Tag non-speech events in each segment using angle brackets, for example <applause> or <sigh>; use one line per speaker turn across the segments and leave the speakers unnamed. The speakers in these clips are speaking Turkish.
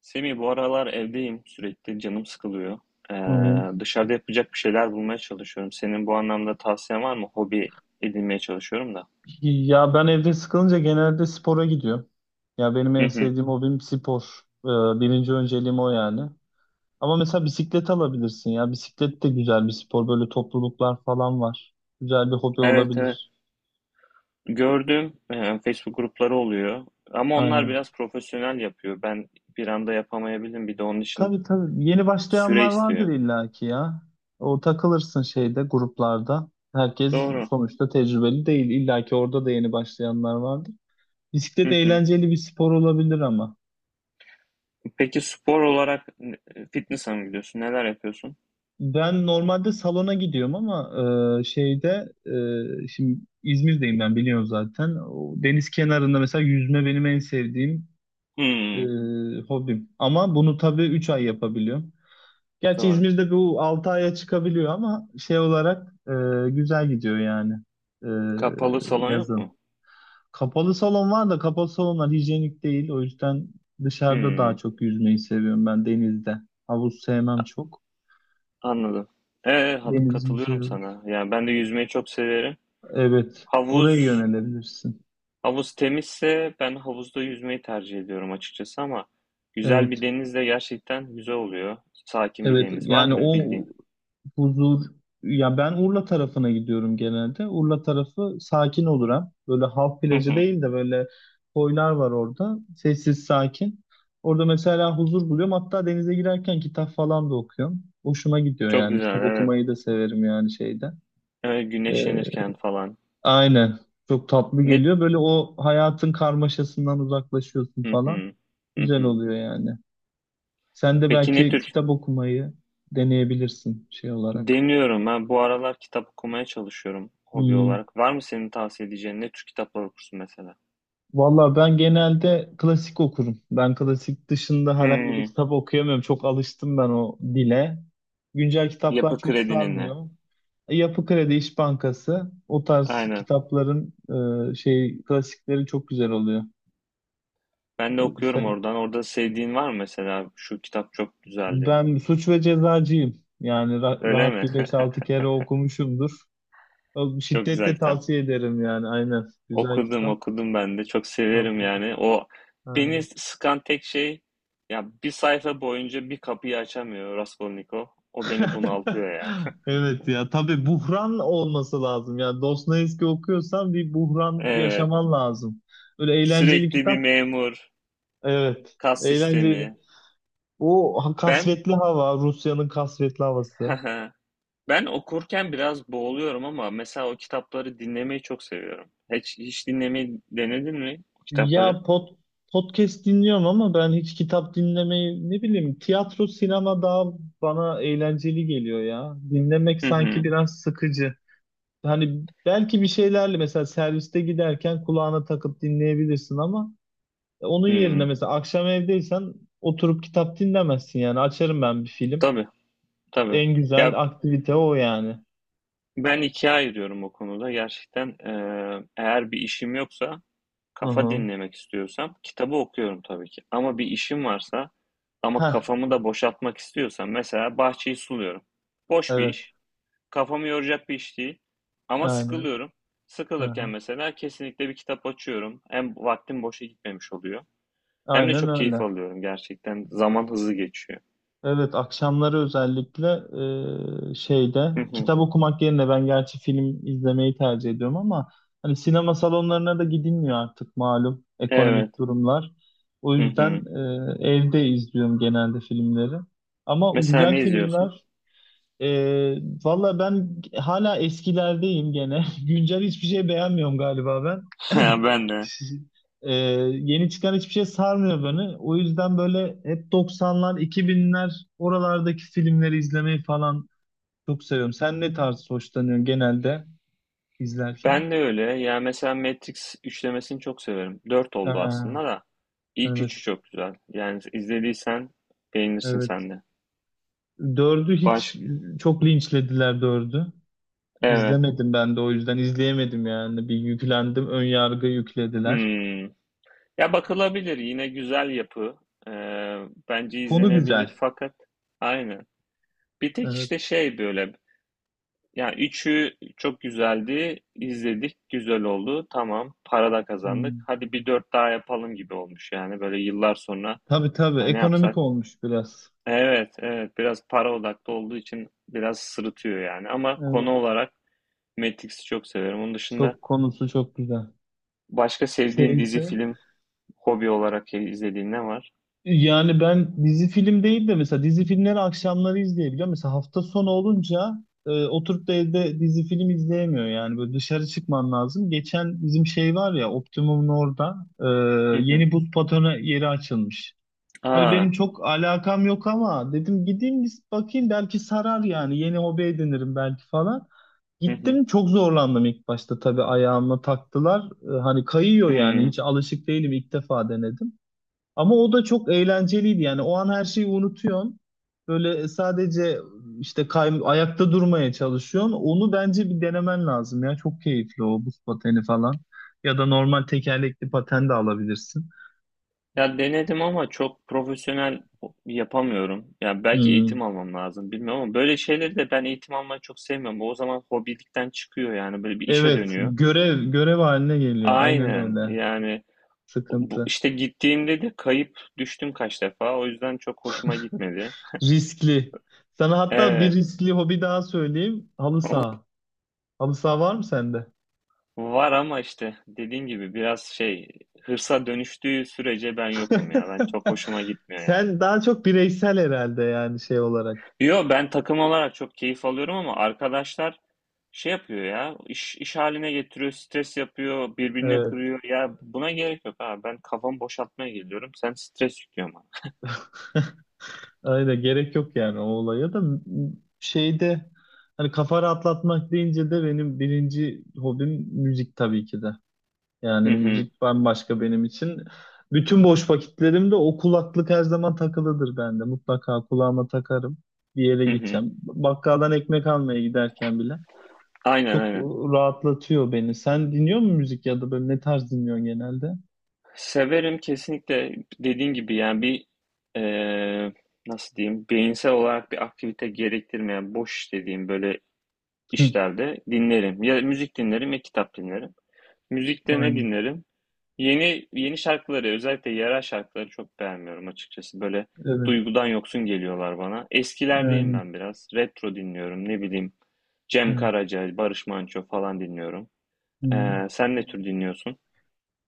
Semih bu aralar evdeyim sürekli canım sıkılıyor.
Hı.
Dışarıda yapacak bir şeyler bulmaya çalışıyorum. Senin bu anlamda tavsiyen var mı? Hobi edinmeye çalışıyorum da.
Ya ben evde sıkılınca genelde spora gidiyorum. Ya benim
Hı
en
hı.
sevdiğim hobim spor. Ee, Birinci önceliğim o yani. Ama mesela bisiklet alabilirsin ya. Bisiklet de güzel bir spor. Böyle topluluklar falan var. Güzel bir hobi
Evet evet.
olabilir.
Gördüm Facebook grupları oluyor. Ama onlar
Aynen.
biraz profesyonel yapıyor. Ben bir anda yapamayabilirim. Bir de onun için
Tabii tabii. Yeni
süre
başlayanlar vardır
istiyor.
illaki ya. O takılırsın şeyde gruplarda. Herkes
Doğru.
sonuçta tecrübeli değil. İllaki orada da yeni başlayanlar vardır. Bisiklet
Hı hı.
eğlenceli bir spor olabilir ama.
Peki spor olarak fitness'a mı gidiyorsun? Neler yapıyorsun?
Ben normalde salona gidiyorum ama şeyde şimdi İzmir'deyim ben biliyorum zaten. O deniz kenarında mesela yüzme benim en sevdiğim e,
Hmm,
hobim. Ama bunu tabii 3 ay yapabiliyorum. Gerçi
doğru.
İzmir'de bu 6 aya çıkabiliyor ama şey olarak güzel gidiyor yani e,
Kapalı salon yok mu?
yazın. Kapalı salon var da kapalı salonlar hijyenik değil. O yüzden dışarıda daha
Hmm.
çok yüzmeyi seviyorum ben denizde. Havuz sevmem çok.
Anladım. Ee,
Deniz güzel.
Katılıyorum sana. Yani ben de yüzmeyi çok severim.
Evet, oraya
Havuz,
yönelebilirsin.
havuz temizse ben havuzda yüzmeyi tercih ediyorum açıkçası, ama güzel bir
Evet,
deniz de gerçekten güzel oluyor. Sakin bir
evet.
deniz. Var
Yani
mı
o
bildiğin?
huzur, ya ben Urla tarafına gidiyorum genelde. Urla tarafı sakin olur hem. Böyle halk
Hı
plajı
hı.
değil de böyle koylar var orada. Sessiz, sakin. Orada mesela huzur buluyorum. Hatta denize girerken kitap falan da okuyorum. Hoşuma gidiyor
Çok
yani.
güzel,
Kitap
evet.
okumayı da severim yani şeyde. Ee,
Güneşlenirken falan.
aynen. Çok tatlı
Ne?
geliyor. Böyle o hayatın karmaşasından uzaklaşıyorsun
Hı
falan.
hı. Hı
Güzel
hı.
oluyor yani. Sen de
Peki ne
belki
tür?
kitap okumayı deneyebilirsin şey olarak.
Deniyorum. Ben bu aralar kitap okumaya çalışıyorum hobi
Hmm.
olarak. Var mı senin tavsiye edeceğin, ne tür kitaplar okursun mesela?
Valla ben genelde klasik okurum. Ben klasik dışında herhangi bir
Hmm.
kitap okuyamıyorum. Çok alıştım ben o dile. Güncel kitaplar
Yapı
çok
Kredi'nin ne?
sarmıyor. Yapı Kredi, İş Bankası o tarz
Aynen.
kitapların şey klasikleri çok güzel oluyor.
Ben de okuyorum
İşte
oradan. Orada sevdiğin var mı mesela? Şu kitap çok güzeldi.
ben Suç ve Cezacıyım. Yani
Öyle
rahat
mi?
bir beş
<laughs>
altı kere okumuşumdur.
Çok güzel
Şiddetle
kitap.
tavsiye ederim yani aynen. Güzel
Okudum,
kitap.
okudum ben de. Çok
Ha,
severim
okudum.
yani. O beni
Aynen.
sıkan tek şey, ya bir sayfa boyunca bir kapıyı açamıyor Raskolnikov. O beni
<laughs>
bunaltıyor ya.
Evet ya tabii buhran olması lazım. Yani Dostoyevski okuyorsan bir buhran
Evet.
yaşaman lazım. Öyle eğlenceli
Sürekli bir
kitap.
memur,
Evet.
kas sistemi.
Eğlenceli. O
Ben
kasvetli hava, Rusya'nın kasvetli havası.
<laughs> ben okurken biraz boğuluyorum, ama mesela o kitapları dinlemeyi çok seviyorum. Hiç dinlemeyi denedin mi o kitapları?
Ya podcast dinliyorum ama ben hiç kitap dinlemeyi ne bileyim tiyatro, sinema daha bana eğlenceli geliyor ya. Dinlemek
Hı
sanki
hı.
biraz sıkıcı. Hani belki bir şeylerle mesela serviste giderken kulağına takıp dinleyebilirsin ama onun yerine
Hı.
mesela akşam evdeysen oturup kitap dinlemezsin yani. Açarım ben bir film.
Tabii, tabii.
En
Ya,
güzel aktivite o yani.
ben 2'ye ayırıyorum o konuda. Gerçekten, eğer bir işim yoksa,
Hı
kafa
hı.
dinlemek istiyorsam kitabı okuyorum tabii ki. Ama bir işim varsa ama
Heh,
kafamı da boşaltmak istiyorsam, mesela bahçeyi suluyorum. Boş bir
evet.
iş, kafamı yoracak bir iş değil ama
Aynen.
sıkılıyorum.
Hı
Sıkılırken
hı.
mesela kesinlikle bir kitap açıyorum. Hem vaktim boşa gitmemiş oluyor hem de
Aynen
çok keyif
öyle.
alıyorum gerçekten. Zaman hızlı geçiyor.
Evet, akşamları özellikle şeyde
Hı hı.
kitap okumak yerine ben gerçi film izlemeyi tercih ediyorum ama hani sinema salonlarına da gidilmiyor artık malum ekonomik
Evet.
durumlar. O
Hı
yüzden
hı.
evde izliyorum genelde filmleri. Ama
Mesela
güzel
ne izliyorsun?
filmler ee, valla ben hala eskilerdeyim gene. <laughs> Güncel hiçbir şey beğenmiyorum galiba ben.
<laughs>
<clears throat>
Ha, ben de.
Ee, Yeni çıkan hiçbir şey sarmıyor beni. O yüzden böyle hep 90'lar, 2000'ler oralardaki filmleri izlemeyi falan çok seviyorum. Sen ne tarz hoşlanıyorsun genelde izlerken?
Ben de öyle. Ya mesela Matrix üçlemesini çok severim. Dört oldu
Aa,
aslında da. İlk üçü
evet,
çok güzel. Yani izlediysen beğenirsin
evet.
sen de.
Dördü
Baş...
hiç çok linçlediler dördü.
Evet.
İzlemedim ben de o yüzden izleyemedim yani. Bir yüklendim, ön yargı yüklediler.
Hmm. Ya bakılabilir. Yine güzel yapı. Ee, bence
Konu güzel.
izlenebilir. Fakat aynı. Bir tek
Evet.
işte şey böyle. Yani üçü çok güzeldi. İzledik. Güzel oldu. Tamam. Para da kazandık.
Hmm.
Hadi bir dört daha yapalım gibi olmuş yani. Böyle yıllar sonra
Tabii tabii.
ya ne
Ekonomik
yapsak?
olmuş biraz.
Evet, evet. Biraz para odaklı olduğu için biraz sırıtıyor yani. Ama konu
Evet.
olarak Matrix'i çok severim. Onun dışında
Çok konusu çok güzel.
başka sevdiğin dizi,
Şeyde.
film, hobi olarak izlediğin ne var?
Yani ben dizi film değil de mesela dizi filmleri akşamları izleyebiliyorum. Mesela hafta sonu olunca oturup da evde dizi film izleyemiyor yani. Böyle dışarı çıkman lazım. Geçen bizim şey var ya Optimum'un orada
Hı hı.
yeni buz patonu yeri açılmış. Hani benim
Aa,
çok alakam yok ama dedim gideyim bir bakayım belki sarar yani. Yeni hobi edinirim belki falan.
hı hı.
Gittim çok zorlandım ilk başta tabii ayağıma taktılar. Hani kayıyor yani
Hmm.
hiç alışık değilim ilk defa denedim. Ama o da çok eğlenceliydi yani o an her şeyi unutuyorsun. Böyle sadece işte ayakta durmaya çalışıyorsun. Onu bence bir denemen lazım ya çok keyifli o buz pateni falan. Ya da normal tekerlekli paten de alabilirsin.
Ya denedim ama çok profesyonel yapamıyorum. Yani belki
Hmm.
eğitim almam lazım, bilmiyorum, ama böyle şeyleri de ben eğitim almayı çok sevmiyorum. O zaman hobilikten çıkıyor, yani böyle bir işe
Evet
dönüyor.
görev haline geliyor aynen
Aynen
öyle
yani. Bu,
sıkıntı.
işte gittiğimde de kayıp düştüm kaç defa. O yüzden çok hoşuma gitmedi.
Riskli. Sana hatta bir
Evet,
riskli hobi daha söyleyeyim. Halı saha. Halı saha var mı sende?
var ama işte dediğim gibi biraz şey, hırsa dönüştüğü sürece ben yokum ya. Ben çok hoşuma
<laughs>
gitmiyor yani.
Sen daha çok bireysel herhalde yani şey olarak.
Yo, ben takım olarak çok keyif alıyorum ama arkadaşlar şey yapıyor ya, iş haline getiriyor, stres yapıyor, birbirine
Evet.
kırıyor. Ya buna gerek yok ha. Ben kafamı boşaltmaya geliyorum. Sen stres yüklüyorsun bana.
<laughs> Aynen gerek yok yani o olaya da şeyde hani kafa rahatlatmak deyince de benim birinci hobim müzik tabii ki de. Yani
Hı hı,
müzik bambaşka benim için. Bütün boş vakitlerimde o kulaklık her zaman takılıdır bende. Mutlaka kulağıma takarım. Bir yere
hı hı.
gideceğim. Bakkaldan ekmek almaya giderken bile.
Aynen
Çok
aynen.
rahatlatıyor beni. Sen dinliyor musun müzik ya da böyle ne tarz dinliyorsun genelde?
Severim kesinlikle, dediğin gibi yani bir eee, nasıl diyeyim, beyinsel olarak bir aktivite gerektirmeyen boş iş dediğim böyle
Hı,
işlerde dinlerim. Ya müzik dinlerim ya kitap dinlerim. Müzikte ne
aynen.
dinlerim? Yeni yeni şarkıları, özellikle yerel şarkıları çok beğenmiyorum açıkçası. Böyle
Evet.
duygudan yoksun geliyorlar bana. Eskilerdeyim
Yani,
ben biraz. Retro dinliyorum ne bileyim. Cem
evet.
Karaca, Barış Manço falan dinliyorum.
Hı.
Sen ne tür dinliyorsun?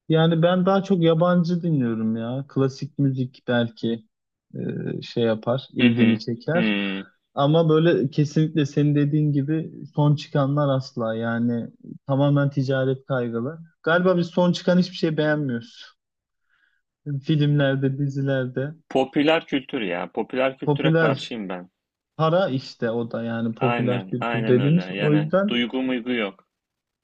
Yani ben daha çok yabancı dinliyorum ya. Klasik müzik belki. Şey yapar,
Hı
ilgimi
hı.
çeker.
Hı.
Ama böyle kesinlikle senin dediğin gibi son çıkanlar asla yani tamamen ticaret kaygılı. Galiba biz son çıkan hiçbir şey beğenmiyoruz. Filmlerde, dizilerde.
Popüler kültür ya. Popüler kültüre
Popüler
karşıyım ben.
para işte o da yani popüler
Aynen,
kültür
aynen öyle.
dediğimiz. O
Yani
yüzden
duygu muygu yok.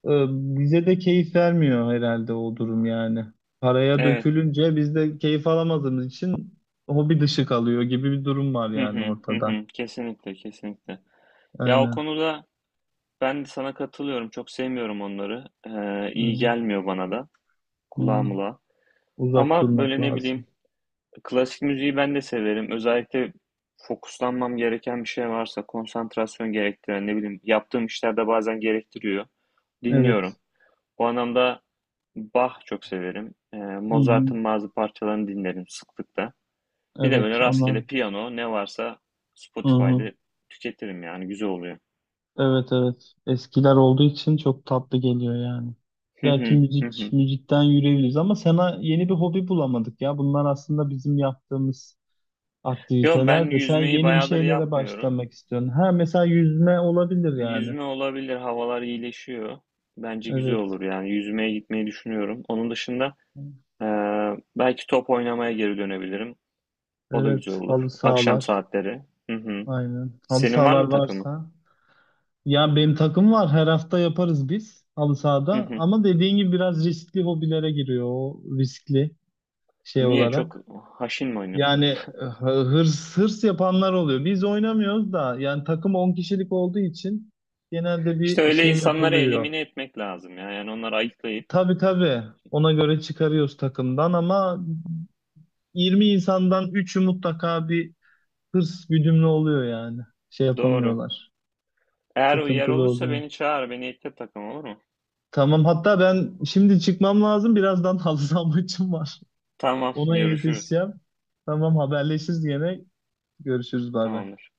bize de keyif vermiyor herhalde o durum yani. Paraya
Evet.
dökülünce biz de keyif alamadığımız için hobi dışı kalıyor gibi bir durum var
Hı
yani
hı, hı
ortada.
hı. Kesinlikle, kesinlikle. Ya o
Aynen.
konuda ben de sana katılıyorum. Çok sevmiyorum onları. İyi
Hmm.
gelmiyor bana da.
Hmm.
Kulağımla.
Uzak
Ama
durmak
böyle ne bileyim,
lazım.
klasik müziği ben de severim. Özellikle fokuslanmam gereken bir şey varsa, konsantrasyon gerektiren, ne bileyim, yaptığım işler de bazen gerektiriyor. Dinliyorum.
Evet.
O anlamda Bach çok severim.
Hı hı.
Mozart'ın bazı parçalarını dinlerim sıklıkla. Bir de
Evet
böyle
onlar.
rastgele piyano ne varsa
Hı hı.
Spotify'da tüketirim, yani güzel oluyor.
Evet evet. Eskiler olduğu için çok tatlı geliyor yani.
Hı
Belki
hı, hı
müzik
hı.
müzikten yürüyebiliriz ama sana yeni bir hobi bulamadık ya. Bunlar aslında bizim yaptığımız
Yo,
aktiviteler
ben
de sen
yüzmeyi
yeni bir
bayağıdır
şeylere
yapmıyorum.
başlamak istiyorsun. Ha mesela yüzme olabilir yani.
Yüzme olabilir, havalar iyileşiyor. Bence güzel
Evet.
olur, yani yüzmeye gitmeyi düşünüyorum. Onun dışında e, belki top oynamaya geri dönebilirim. O da güzel
Evet.
olur.
Halı
Akşam
sahalar.
saatleri. Hı hı.
Aynen. Halı
Senin var
sahalar
mı takımın?
varsa. Ya benim takım var. Her hafta yaparız biz halı
Hı
sahada.
hı.
Ama dediğin gibi biraz riskli hobilere giriyor o riskli şey
Niye, çok
olarak.
haşin mi
Yani
oynuyorsunuz?
hırs hırs yapanlar oluyor. Biz oynamıyoruz da yani takım 10 kişilik olduğu için genelde
İşte
bir
öyle
şey
insanları
yapılıyor.
elimine etmek lazım ya. Yani onları ayıklayıp.
Tabii tabii ona göre çıkarıyoruz takımdan ama 20 insandan 3'ü mutlaka bir hırs güdümlü oluyor yani. Şey
Doğru.
yapamıyorlar.
Eğer yer
Sıkıntılı
olursa
oluyor.
beni çağır, beni ekle takım, olur mu?
Tamam hatta ben şimdi çıkmam lazım. Birazdan <laughs> halı saha maçım var.
Tamam,
Ona
görüşürüz.
yetişeceğim. Tamam haberleşiriz gene. Görüşürüz bay bay.
Tamamdır.